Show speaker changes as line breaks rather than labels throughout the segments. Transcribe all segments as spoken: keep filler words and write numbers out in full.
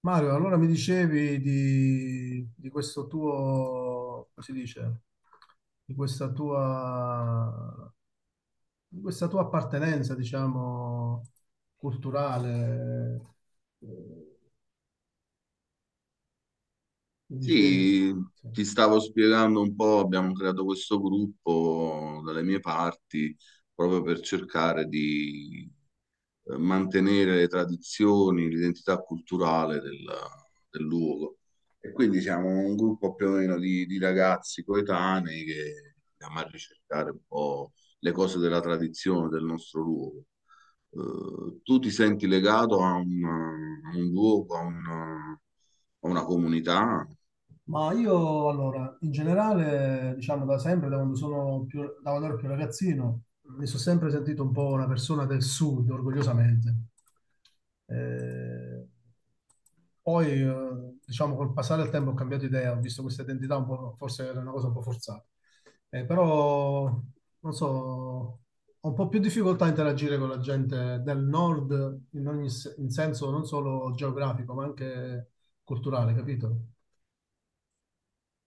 Mario, allora mi dicevi di, di questo tuo, come si dice, di questa tua, di questa tua appartenenza, diciamo, culturale, eh, mi dicevi.
Sì,
Sì.
ti stavo spiegando un po', abbiamo creato questo gruppo dalle mie parti proprio per cercare di eh, mantenere le tradizioni, l'identità culturale del, del luogo. E quindi siamo un gruppo più o meno di, di ragazzi coetanei che andiamo a ricercare un po' le cose della tradizione del nostro luogo. Eh, tu ti senti legato a un, a un luogo, a una a una comunità?
Ma io allora, in generale, diciamo da sempre, da quando sono più, da quando ero più ragazzino, mi sono sempre sentito un po' una persona del sud, orgogliosamente. Eh, Poi, eh, diciamo, col passare del tempo ho cambiato idea, ho visto questa identità un po', forse era una cosa un po' forzata. Eh, però, non so, ho un po' più difficoltà a interagire con la gente del nord in ogni se- in senso non solo geografico, ma anche culturale, capito?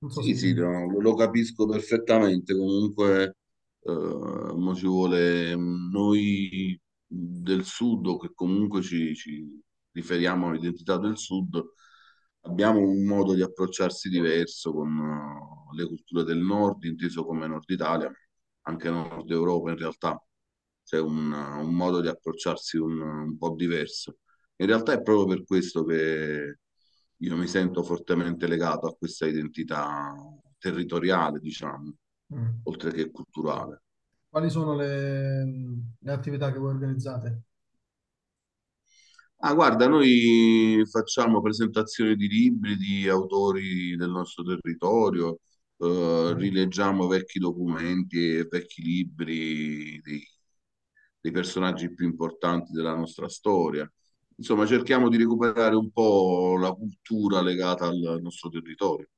Non so se...
Sì, sì,
mm.
no, lo, lo capisco perfettamente. Comunque, eh, mo ci vuole mm, noi del sud, o che comunque ci, ci riferiamo all'identità del sud, abbiamo un modo di approcciarsi diverso con eh, le culture del nord, inteso come Nord Italia, anche Nord Europa in realtà. C'è un, un modo di approcciarsi un un po' diverso. In realtà è proprio per questo che io mi sento fortemente legato a questa identità territoriale, diciamo, oltre che culturale.
Quali sono le, le attività che voi organizzate?
Ah, guarda, noi facciamo presentazioni di libri di autori del nostro territorio, eh,
Mhm.
rileggiamo vecchi documenti e vecchi libri dei, dei personaggi più importanti della nostra storia. Insomma, cerchiamo di recuperare un po' la cultura legata al nostro territorio.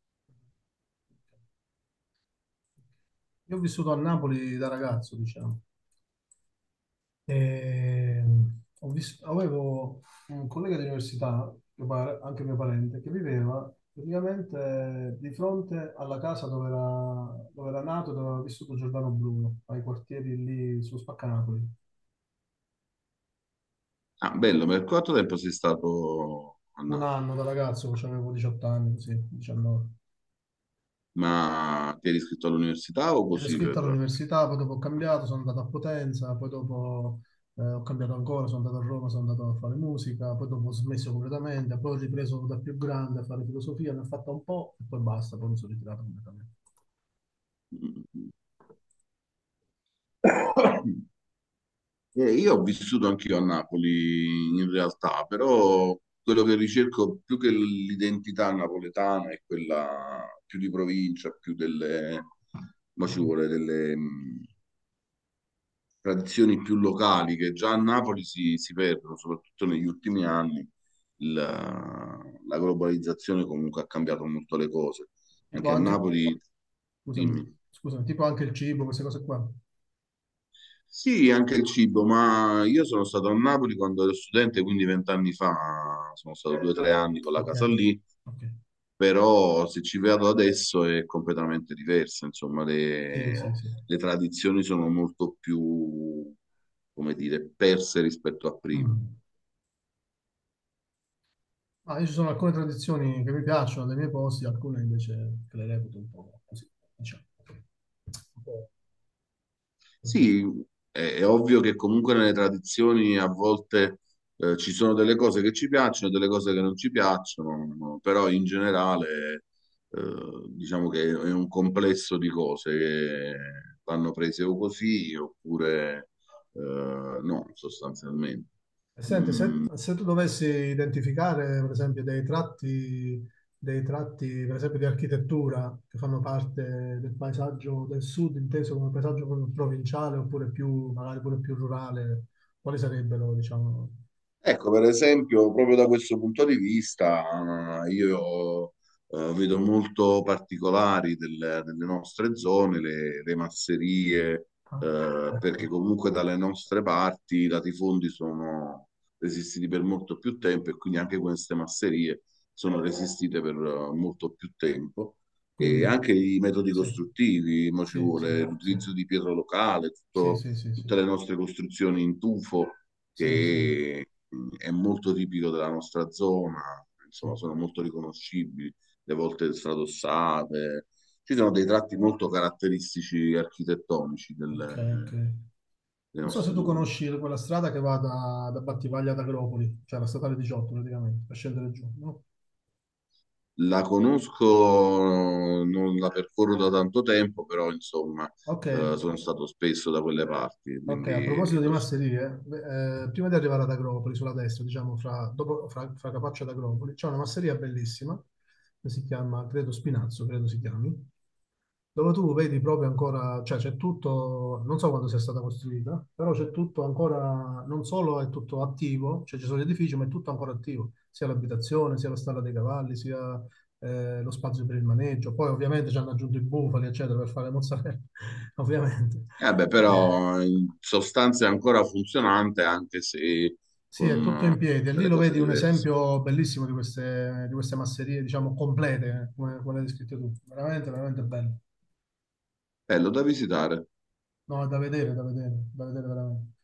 Io ho vissuto a Napoli da ragazzo, diciamo. E ho vis- avevo un collega di università, mio pare- anche mio parente, che viveva praticamente di fronte alla casa dove era, dove era nato e dove aveva vissuto Giordano Bruno, ai quartieri lì su Spaccanapoli.
Ah, bello, per quanto tempo sei stato a
Un
Napoli?
anno da ragazzo, cioè avevo diciotto anni, così, diciannove.
Ma ti eri iscritto all'università o
Ero
così
iscritto
per...
all'università, poi dopo ho cambiato, sono andato a Potenza, poi dopo eh, ho cambiato ancora, sono andato a Roma, sono andato a fare musica, poi dopo ho smesso completamente, poi ho ripreso da più grande a fare filosofia, ne ho fatta un po' e poi basta, poi mi sono ritirato completamente.
Eh, io ho vissuto anch'io a Napoli in realtà, però quello che ricerco più che l'identità napoletana è quella più di provincia, più delle, ma ci vuole delle, mh, tradizioni più locali che già a Napoli si, si perdono, soprattutto negli ultimi anni. Il- la globalizzazione comunque ha cambiato molto le cose.
Tipo
Anche a
anche,
Napoli,
scusami,
dimmi.
scusami, tipo anche il cibo, queste cose qua.
Sì, anche il cibo, ma io sono stato a Napoli quando ero studente, quindi vent'anni fa, sono stato due o tre anni con la
Ok,
casa lì,
ok.
però se ci vado adesso è completamente diversa, insomma,
Sì,
le,
sì, sì.
le tradizioni sono molto più, come dire, perse rispetto a prima.
Mm. Ah, io ci sono alcune tradizioni che mi piacciono dei miei posti, alcune invece che le reputo un po' così, diciamo. Un po', non so.
Sì, è, è ovvio che comunque nelle tradizioni a volte eh, ci sono delle cose che ci piacciono e delle cose che non ci piacciono, no? Però in generale eh, diciamo che è un complesso di cose che vanno prese o così oppure eh, no, sostanzialmente.
E senti, se, se tu dovessi identificare, per esempio, dei tratti, dei tratti, per esempio, di architettura che fanno parte del paesaggio del sud, inteso come paesaggio proprio provinciale oppure più, magari pure più rurale, quali sarebbero, diciamo?
Ecco, per esempio, proprio da questo punto di vista, eh, io eh, vedo molto particolari del- delle nostre zone, le, le masserie,
Ah, ecco,
eh, perché
ecco.
comunque dalle nostre parti i latifondi sono resistiti per molto più tempo e quindi anche queste masserie sono resistite per eh, molto più tempo. E
Quindi,
anche i metodi
sì,
costruttivi, mo ci
sì, sì,
vuole
sì,
l'utilizzo di pietra locale,
sì,
tutto-
sì, sì, sì,
tutte le nostre costruzioni in tufo
sì, sì,
che mm, è molto tipico della nostra zona,
sì.
insomma, sono molto riconoscibili, le volte stradossate. Ci sono dei tratti molto caratteristici architettonici
Ok, ok.
del- dei
Non so se
nostri
tu
luoghi.
conosci quella strada che va da, da Battivaglia ad Agropoli, cioè la statale diciotto praticamente, per scendere giù, no?
La conosco, non la percorro da tanto tempo, però insomma,
Ok,
eh, sono stato spesso da quelle parti,
ok, a
quindi
proposito di
lo so.
masserie, beh, eh, prima di arrivare ad Agropoli, sulla destra, diciamo, fra, dopo, fra, fra Capaccio ad Agropoli, c'è una masseria bellissima, che si chiama, credo Spinazzo, credo si chiami, dove tu vedi proprio ancora, cioè c'è tutto, non so quando sia stata costruita, però c'è tutto ancora, non solo è tutto attivo, cioè ci sono gli edifici, ma è tutto ancora attivo, sia l'abitazione, sia la stalla dei cavalli, sia eh, lo spazio per il maneggio. Poi ovviamente ci hanno aggiunto i bufali, eccetera, per fare le mozzarella, ovviamente.
Eh beh,
Eh,
però in sostanza è ancora funzionante, anche se
Sì, è
con
tutto
eh,
in piedi e lì
delle
lo
cose
vedi un
diverse.
esempio bellissimo di queste, di queste, masserie, diciamo, complete, eh, come, come l'hai descritto tu. Veramente, veramente bello.
Bello da visitare.
No, è da vedere, da vedere, da vedere veramente.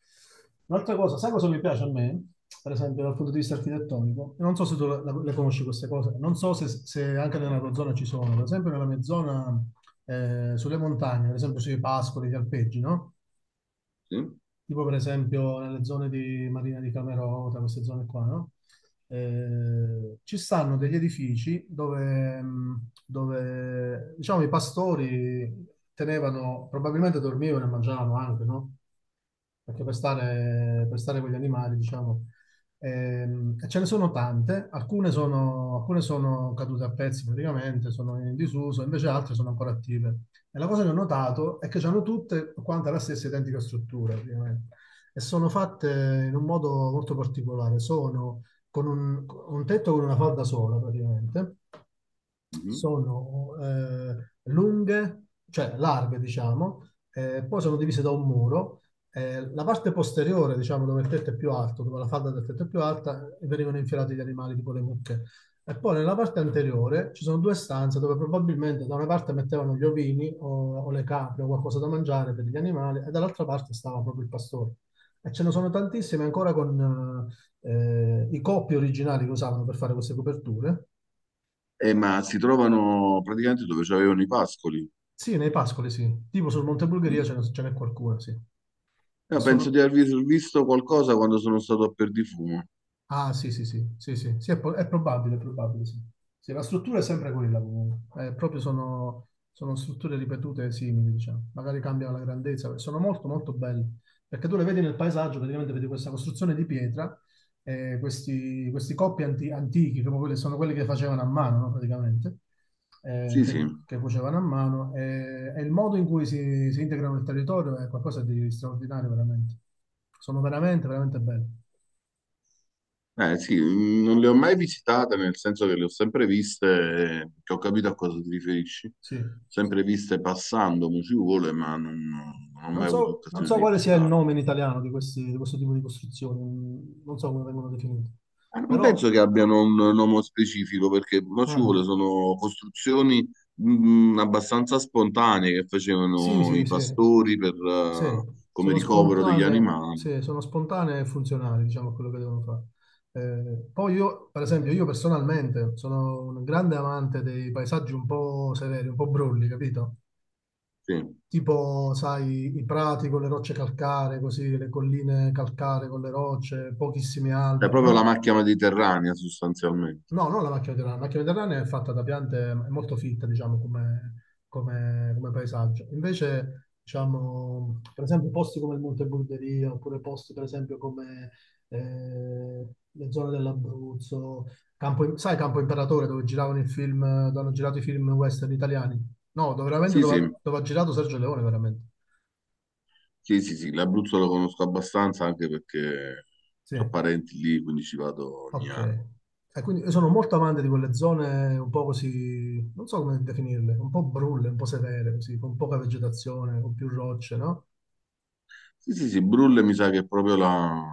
Un'altra cosa, sai cosa mi piace a me, per esempio dal punto di vista architettonico? E non so se tu la- la- le conosci queste cose, non so se, se anche nella tua zona ci sono, per esempio nella mia zona, eh, sulle montagne, per esempio sui pascoli, gli alpeggi, no?
Sì.
Tipo per esempio nelle zone di Marina di Camerota, queste zone qua, no? Eh, ci stanno degli edifici dove, mh, dove, diciamo, i pastori tenevano, probabilmente dormivano e mangiavano anche, no? Perché per stare, per stare con gli animali, diciamo, ehm, e ce ne sono tante, alcune sono, alcune sono cadute a pezzi praticamente, sono in disuso, invece altre sono ancora attive. E la cosa che ho notato è che hanno tutte quante la stessa identica struttura, praticamente. E sono fatte in un modo molto particolare, sono con un, un tetto con una falda sola, praticamente,
Mhm.
sono eh, lunghe, cioè larghe, diciamo, eh, poi sono divise da un muro. Eh, la parte posteriore, diciamo, dove il tetto è più alto, dove la falda del tetto è più alta, venivano infilati gli animali, tipo le mucche. E poi nella parte anteriore ci sono due stanze dove probabilmente da una parte mettevano gli ovini o, o le capre o qualcosa da mangiare per gli animali e dall'altra parte stava proprio il pastore. E ce ne sono tantissime ancora con eh, i coppi originali che usavano per fare queste coperture.
Eh, ma si trovano praticamente dove c'avevano i pascoli.
Sì, nei pascoli sì. Tipo sul Monte Bulgaria
Mm.
ce n'è ce n'è qualcuna, sì. E
Io
sono,
penso di aver vis- visto qualcosa quando sono stato a Perdifumo.
Ah, sì, sì, sì, sì, sì, sì, è, po- è probabile, è probabile, sì. Sì, la struttura è sempre quella comunque. Eh, proprio sono, sono strutture ripetute simili, diciamo. Magari cambiano la grandezza, sono molto, molto belle. Perché tu le vedi nel paesaggio, praticamente vedi questa costruzione di pietra, eh, questi, questi, coppi anti- antichi, proprio quelli, sono quelli che facevano a mano, no, praticamente, eh,
Sì, sì.
che, che, cuocevano a mano, e, e il modo in cui si, si integrano nel territorio è qualcosa di straordinario, veramente. Sono veramente, veramente belli,
Eh, sì, mm, non le ho mai visitate, nel senso che le ho sempre viste, eh, che ho capito a cosa ti riferisci.
sì.
Sempre viste passando, mo ci vuole, ma non, non ho
Non
mai avuto
so, non
occasione
so
di
quale sia il
visitarle.
nome in italiano di, questi- di questo tipo di costruzioni, mm, non so come vengono definite,
Eh, Non
però
penso che abbiano un nome specifico perché non ci
ah,
vuole, sono costruzioni mh, abbastanza spontanee che
sì,
facevano
sì,
i
sì,
pastori per,
sì,
eh, come
sono
ricovero degli
spontanee,
animali.
sì, sono spontanee e funzionali, diciamo, a quello che devono fare. Eh, poi io, per esempio, io personalmente sono un grande amante dei paesaggi un po' severi, un po' brulli, capito?
Sì. Cioè,
Tipo, sai, i prati con le rocce calcaree, così, le colline calcaree con le rocce, pochissimi alberi,
proprio la
no?
macchia mediterranea sostanzialmente.
No, non la macchina mediterranea. La macchina mediterranea è fatta da piante, è molto fitta, diciamo, come, come- come paesaggio. Invece, diciamo, per esempio, posti come il Monte Burderia, oppure posti, per esempio, come eh, le zone dell'Abruzzo, Campo- sai Campo Imperatore, dove giravano i film, dove hanno girato i film western italiani? No, dove, veramente
Sì,
dove,
sì,
ha dove ha girato Sergio Leone, veramente.
sì, sì, sì, l'Abruzzo lo conosco abbastanza anche perché
Sì.
ho parenti lì, quindi ci vado ogni
Ok.
anno.
E quindi io sono molto amante di quelle zone un po' così, non so come definirle, un po' brulle, un po' severe, così, con poca vegetazione, con più rocce, no?
Sì, sì, sì, Brulle mi sa che è proprio la,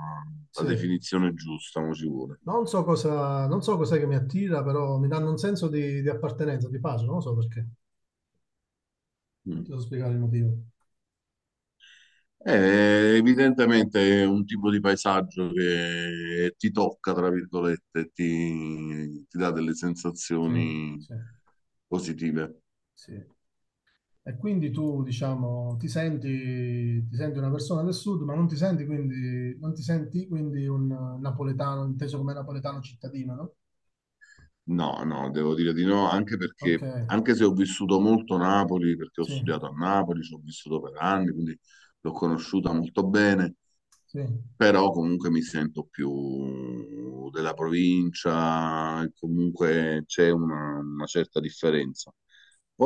la
Sì.
definizione giusta, mo ci vuole.
Non so cosa, non so cos'è che mi attira, però mi danno un senso di, di appartenenza, di pace, non lo so perché. Non
Mm.
ti so spiegare il motivo.
Eh, evidentemente è un tipo di paesaggio che ti tocca, tra virgolette, ti, ti dà delle
Sì,
sensazioni
sì,
positive.
sì. E quindi tu, diciamo, ti senti, ti senti, una persona del sud, ma non ti senti quindi, non ti senti quindi un napoletano, inteso come napoletano cittadino, no?
No, no, devo dire di no, anche
Ok,
perché, anche se ho vissuto molto Napoli, perché ho
sì,
studiato a Napoli, ci ho vissuto per anni, quindi l'ho conosciuta molto bene,
sì,
però comunque mi sento più della provincia, e comunque c'è una una certa differenza.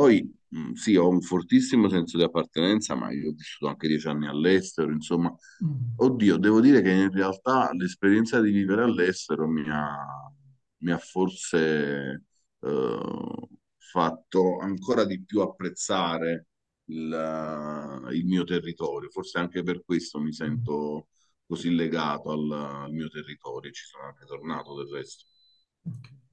sì.
mh, sì, ho un fortissimo senso di appartenenza, ma io ho vissuto anche dieci anni all'estero, insomma,
Mm,
oddio, devo dire che in realtà l'esperienza di vivere all'estero mi ha, mi ha forse eh, fatto ancora di più apprezzare il, eh, il mio territorio, forse anche per questo mi sento così legato al, al mio territorio, ci sono anche tornato del resto.
ok.